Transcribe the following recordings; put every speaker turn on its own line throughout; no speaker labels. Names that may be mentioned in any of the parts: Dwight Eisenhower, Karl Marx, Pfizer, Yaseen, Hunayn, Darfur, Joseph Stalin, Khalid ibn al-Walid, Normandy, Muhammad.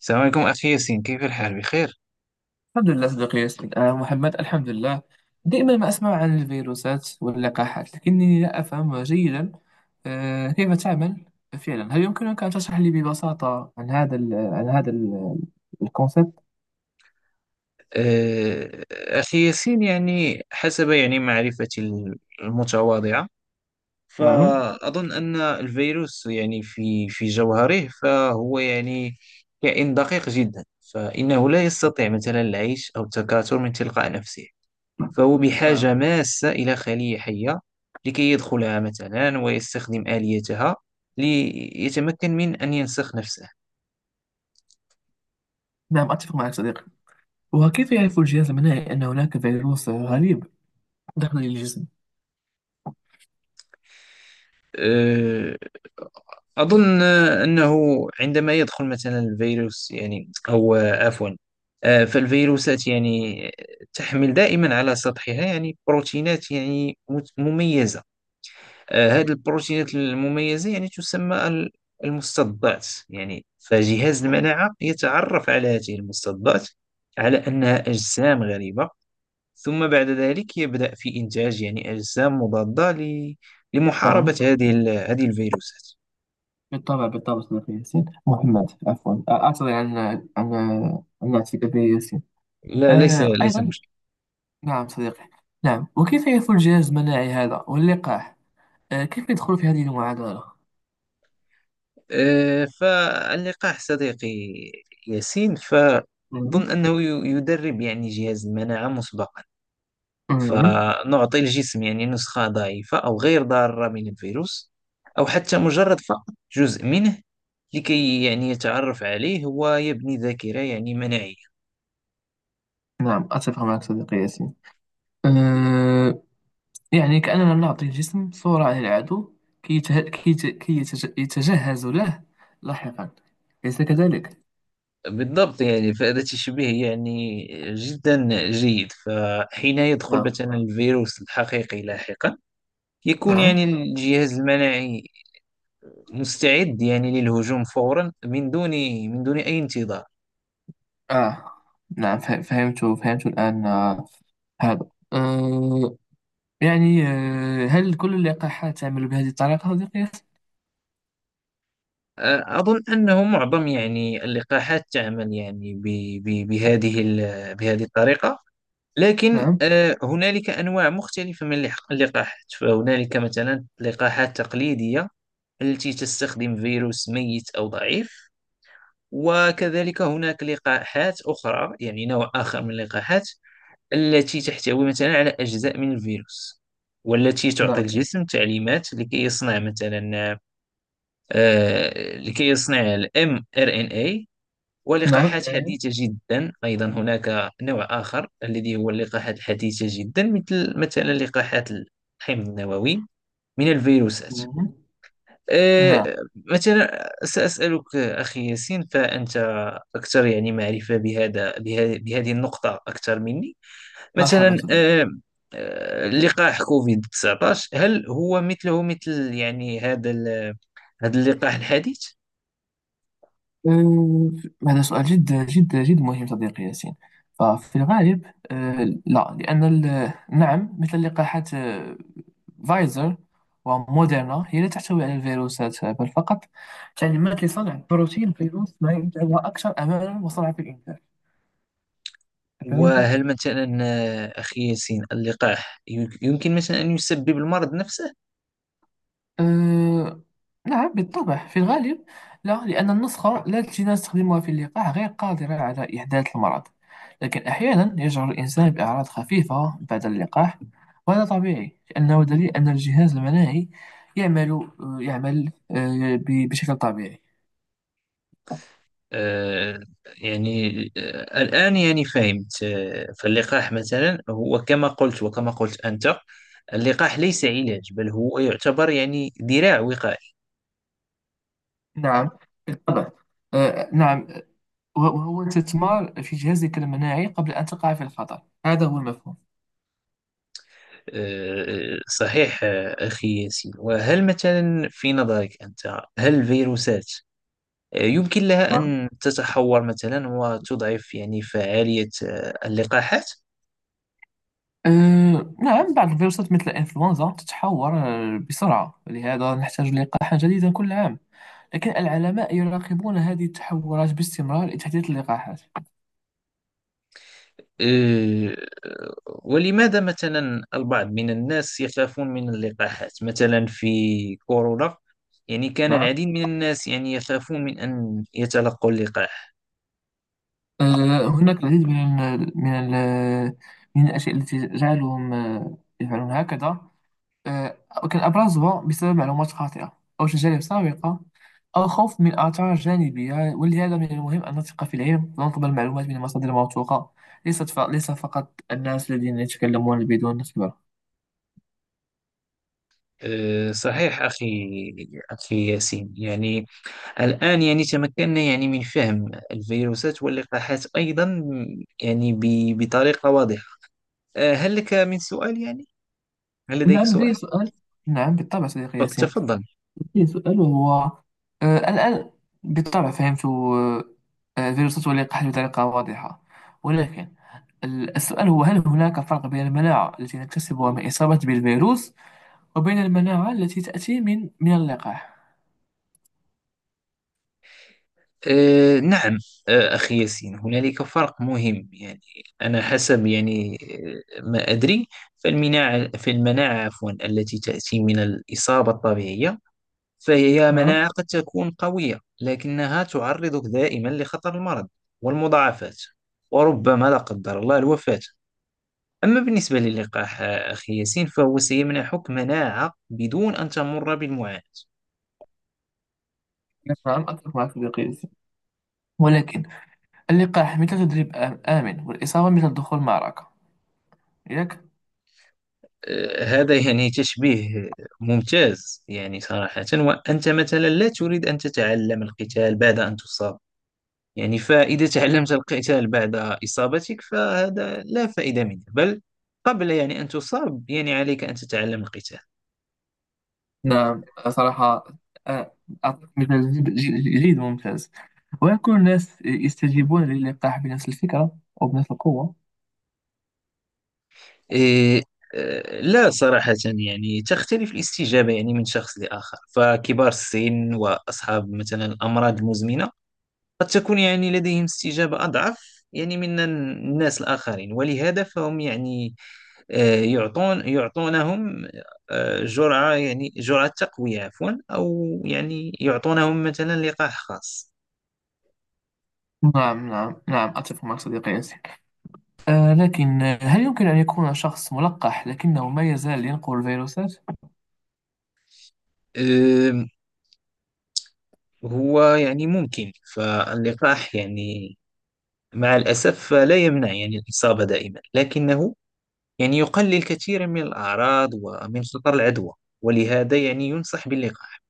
السلام عليكم أخي ياسين، كيف الحال بخير؟
الحمد لله، صديقي ياسين محمد. الحمد لله. دائما ما أسمع عن الفيروسات واللقاحات، لكنني لا أفهم جيدا كيف تعمل فعلا. هل يمكنك أن تشرح لي ببساطة عن هذا ال عن هذا ال- الكونسيبت؟
أخي ياسين يعني حسب يعني معرفتي المتواضعة،
نعم.
فأظن أن الفيروس يعني في جوهره فهو يعني كائن دقيق جدا، فإنه لا يستطيع مثلا العيش أو التكاثر من تلقاء نفسه، فهو
آه.
بحاجة ماسة إلى خلية حية لكي يدخلها مثلا ويستخدم آليتها ليتمكن من أن ينسخ نفسه.
نعم، أتفق معك صديقي. وكيف يعرف الجهاز المناعي أن هناك فيروس غريب دخل الجسم؟
آه، أظن أنه عندما يدخل مثلا الفيروس يعني، أو آه، عفوا آه، فالفيروسات يعني تحمل دائما على سطحها يعني بروتينات يعني مميزة. هذه البروتينات المميزة يعني تسمى المستضدات، يعني فجهاز المناعة يتعرف على هذه المستضدات على أنها أجسام غريبة، ثم بعد ذلك يبدأ في إنتاج يعني أجسام مضادة لمحاربة
نعم،
هذه الفيروسات.
بالطبع بالطبع صديقي ياسين، محمد، عفوا، أعتذر عن نعتك به ياسين.
لا، ليس ليس
أيضا.
مشكل.
نعم صديقي. نعم، وكيف يفعل الجهاز المناعي هذا واللقاح؟ كيف يدخل في هذه المعادلة؟
فاللقاح صديقي ياسين،
مهم.
فأظن أنه يدرب يعني جهاز المناعة مسبقا،
مهم.
فنعطي الجسم يعني نسخة ضعيفة أو غير ضارة من الفيروس، أو حتى مجرد فقط جزء منه، لكي يعني يتعرف عليه ويبني ذاكرة يعني مناعية.
نعم، أتفق معك صديقي ياسين. أه يعني كأننا نعطي الجسم صورة عن العدو، كي يته... كي يت- كي يتج... يتجهز له لاحقا، أليس كذلك؟
بالضبط، يعني فهذا تشبيه يعني جدا جيد، فحين يدخل
نعم،
مثلا الفيروس الحقيقي لاحقا يكون
نعم،
يعني الجهاز المناعي مستعد يعني للهجوم فورا، من دون أي انتظار.
آه نعم. فهمت الآن. هذا. أه يعني هل كل اللقاحات تعمل بهذه الطريقة صديقي ياسين؟
أظن أنه معظم يعني اللقاحات تعمل يعني بهذه الطريقة، لكن
نعم،
هنالك أنواع مختلفة من اللقاحات، فهنالك مثلا لقاحات تقليدية التي تستخدم فيروس ميت أو ضعيف، وكذلك هناك لقاحات أخرى، يعني نوع آخر من اللقاحات التي تحتوي مثلا على أجزاء من الفيروس، والتي تعطي
نعم،
الجسم تعليمات لكي يصنع مثلا، لكي يصنع ال mRNA.
نعم.
ولقاحات حديثة جدا أيضا، هناك نوع آخر الذي هو اللقاحات الحديثة جدا، مثل مثلا لقاحات الحمض النووي من الفيروسات.
مهم. نعم.
مثلا سأسألك أخي ياسين، فأنت أكثر يعني معرفة بهذه النقطة أكثر مني.
مرحبا
مثلا
صديقي.
لقاح كوفيد 19، هل هو مثله مثل يعني هذا اللقاح الحديث؟
أه، هذا سؤال جدا جدا جدا مهم صديقي ياسين. ففي الغالب لا، لأن نعم، مثل لقاحات فايزر وموديرنا، هي لا تحتوي على الفيروسات، بل فقط تعليمات لصنع بروتين فيروس ما، يجعلها أكثر أمانا وسرعة في الإنتاج. أفهمت؟
وهل مثلا أخي ياسين اللقاح يمكن مثلا أن يسبب المرض نفسه؟
أه نعم، بالطبع. في الغالب لا، لأن النسخة لا التي نستخدمها في اللقاح غير قادرة على إحداث المرض. لكن أحيانا يشعر الإنسان بأعراض خفيفة بعد اللقاح، وهذا طبيعي لأنه دليل أن الجهاز المناعي يعمل. يعمل بشكل طبيعي.
آه، يعني الآن يعني فهمت، فاللقاح مثلا هو كما قلت، وكما قلت أنت، اللقاح ليس علاج، بل هو يعتبر يعني ذراع وقائية.
نعم، بالطبع. نعم. وهو استثمار في جهازك المناعي قبل أن تقع في الخطر، هذا هو المفهوم.
صحيح أخي ياسين، وهل مثلا في نظرك أنت، هل الفيروسات يمكن لها أن تتحور مثلا وتضعف يعني فعالية اللقاحات؟
نعم. بعض الفيروسات مثل الإنفلونزا تتحور بسرعة، لهذا نحتاج لقاحا جديدا كل عام، لكن العلماء يراقبون هذه التحورات باستمرار لتحديث اللقاحات.
آه، ولماذا مثلا البعض من الناس يخافون من اللقاحات، مثلا في كورونا يعني كان
نعم.
العديد من الناس يعني يخافون من أن يتلقوا اللقاح.
هناك العديد من ال من ال من الأشياء التي تجعلهم يفعلون هكذا. آه، كالأبرزها بسبب معلومات خاطئة أو تجارب سابقة أو خوف من آثار جانبية، ولهذا من المهم أن نثق في العلم ونطلب المعلومات من مصادر موثوقة، ليس فقط الناس الذين يتكلمون بدون خبرة.
صحيح أخي ياسين، يعني الآن يعني تمكنا يعني من فهم الفيروسات واللقاحات أيضا يعني بطريقة واضحة. هل لك من سؤال يعني؟ هل لديك
نعم، لدي
سؤال؟
سؤال. نعم، بالطبع صديقي ياسين.
تفضل.
لدي سؤال، وهو الآن، بالطبع فهمت فيروسات واللقاح بطريقة واضحة، ولكن السؤال هو: هل هناك فرق بين المناعة التي نكتسبها من إصابة بالفيروس، وبين المناعة التي تأتي من اللقاح؟
نعم، أخي ياسين هنالك فرق مهم، يعني أنا حسب يعني، ما أدري، فالمناعة التي تأتي من الإصابة الطبيعية فهي
نعم.
مناعة قد تكون قوية، لكنها تعرضك دائما لخطر المرض والمضاعفات، وربما لا قدر الله الوفاة. أما بالنسبة للقاح أخي ياسين، فهو سيمنحك مناعة بدون أن تمر بالمعاناة.
نعم، أتفق مع صديقي ياسين. ولكن اللقاح مثل تدريب آمن، والإصابة مثل دخول معركة، ياك؟
هذا يعني تشبيه ممتاز يعني صراحة، وأنت مثلا لا تريد أن تتعلم القتال بعد أن تصاب، يعني فإذا تعلمت القتال بعد إصابتك فهذا لا فائدة منه، بل قبل يعني أن تصاب يعني عليك أن تتعلم القتال.
نعم، صراحة. آه، أعطيك مثال جيد وممتاز. وهل كل الناس يستجيبون للقاح بنفس الفكرة أو بنفس القوة؟
إيه. لا صراحة، يعني تختلف الاستجابة يعني من شخص لآخر، فكبار السن وأصحاب مثلا الأمراض المزمنة قد تكون يعني لديهم استجابة أضعف يعني من الناس الآخرين، ولهذا فهم يعني يعطونهم جرعة، يعني جرعة تقوية، عفوا، أو يعني يعطونهم مثلا لقاح خاص.
نعم، نعم، نعم، أتفق مع صديقي ياسين. لكن، هل يمكن أن يكون شخص ملقح لكنه ما يزال ينقل الفيروسات؟
آم، هو يعني ممكن، فاللقاح يعني مع الأسف لا يمنع يعني الإصابة دائما، لكنه يعني يقلل كثيرا من الأعراض ومن خطر العدوى، ولهذا يعني ينصح باللقاح.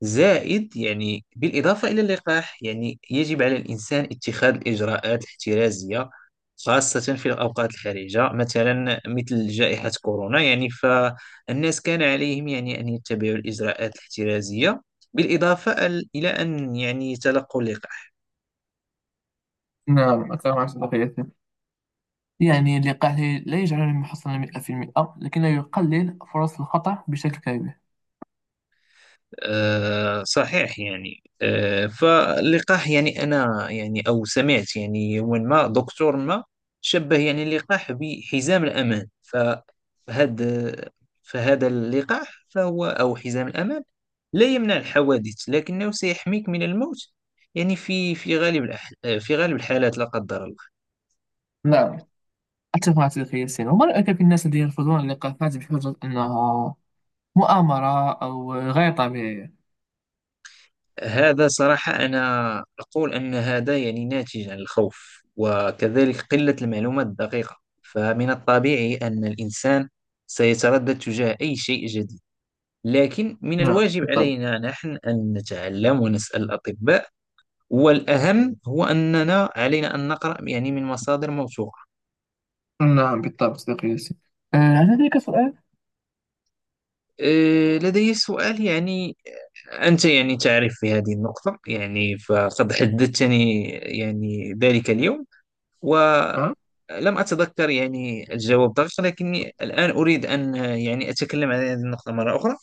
زائد يعني بالإضافة إلى اللقاح، يعني يجب على الإنسان اتخاذ الإجراءات الاحترازية، خاصة في الأوقات الحرجة، مثلا مثل جائحة كورونا، يعني فالناس كان عليهم يعني أن يتبعوا الإجراءات الاحترازية بالإضافة إلى أن يعني يتلقوا اللقاح.
نعم، أتفق مع صديقي ياسين. يعني لقحه لا يجعلني محصنا 100%، لكنه يقلل فرص الخطأ بشكل كبير.
صحيح يعني، فاللقاح يعني، أنا يعني أو سمعت يعني يوما ما دكتور ما شبه يعني اللقاح بحزام الأمان، فهذا اللقاح فهو، أو حزام الأمان، لا يمنع الحوادث لكنه سيحميك من الموت، يعني في غالب الحالات لا قدر الله.
نعم، أتفق مع تلك السنة. وما رأيك في الناس الذين يرفضون اللقاحات بحجة أنها مؤامرة أو غير طبيعية؟
هذا صراحة، أنا أقول أن هذا يعني ناتج عن الخوف، وكذلك قلة المعلومات الدقيقة، فمن الطبيعي أن الإنسان سيتردد تجاه أي شيء جديد، لكن من
نعم،
الواجب
بالطبع.
علينا نحن أن نتعلم ونسأل الأطباء، والأهم هو أننا علينا أن نقرأ يعني من مصادر موثوقة.
نعم، بالطبع صديقي ياسين. هل لديك سؤال؟
لدي سؤال، يعني أنت يعني تعرف في هذه النقطة، يعني فقد حدثتني يعني ذلك اليوم،
نعم،
ولم أتذكر يعني الجواب دقيق، لكني الآن أريد أن يعني أتكلم عن هذه النقطة مرة أخرى.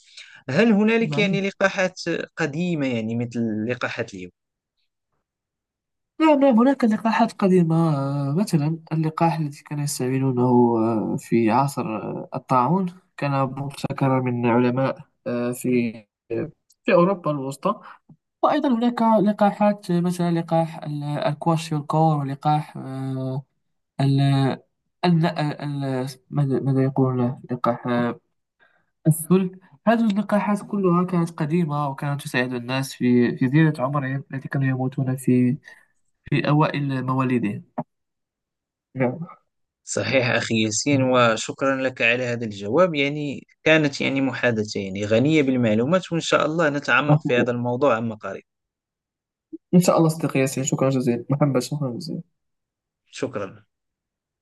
هل هنالك يعني
نعم،
لقاحات قديمة يعني مثل لقاحات اليوم؟
نعم. نعم، هناك لقاحات قديمة. مثلا اللقاح الذي كانوا يستعملونه في عصر الطاعون كان مبتكرا من علماء في أوروبا الوسطى. وأيضا هناك لقاحات، مثلا لقاح الكواشيوركور، ولقاح ال ماذا يقولون، لقاح السل. هذه اللقاحات كلها كانت قديمة، وكانت تساعد الناس في زيادة عمرهم، التي كانوا يموتون في أوائل مواليدهم. نعم.
صحيح أخي ياسين، وشكرا لك على هذا الجواب، يعني كانت يعني محادثة يعني غنية بالمعلومات، وإن شاء الله
ما
نتعمق
شاء
في
الله.
هذا الموضوع عما قريب.
إن شاء الله صديقي ياسين، شكرا جزيلا، محمد، شكرا جزيلا.
شكرا.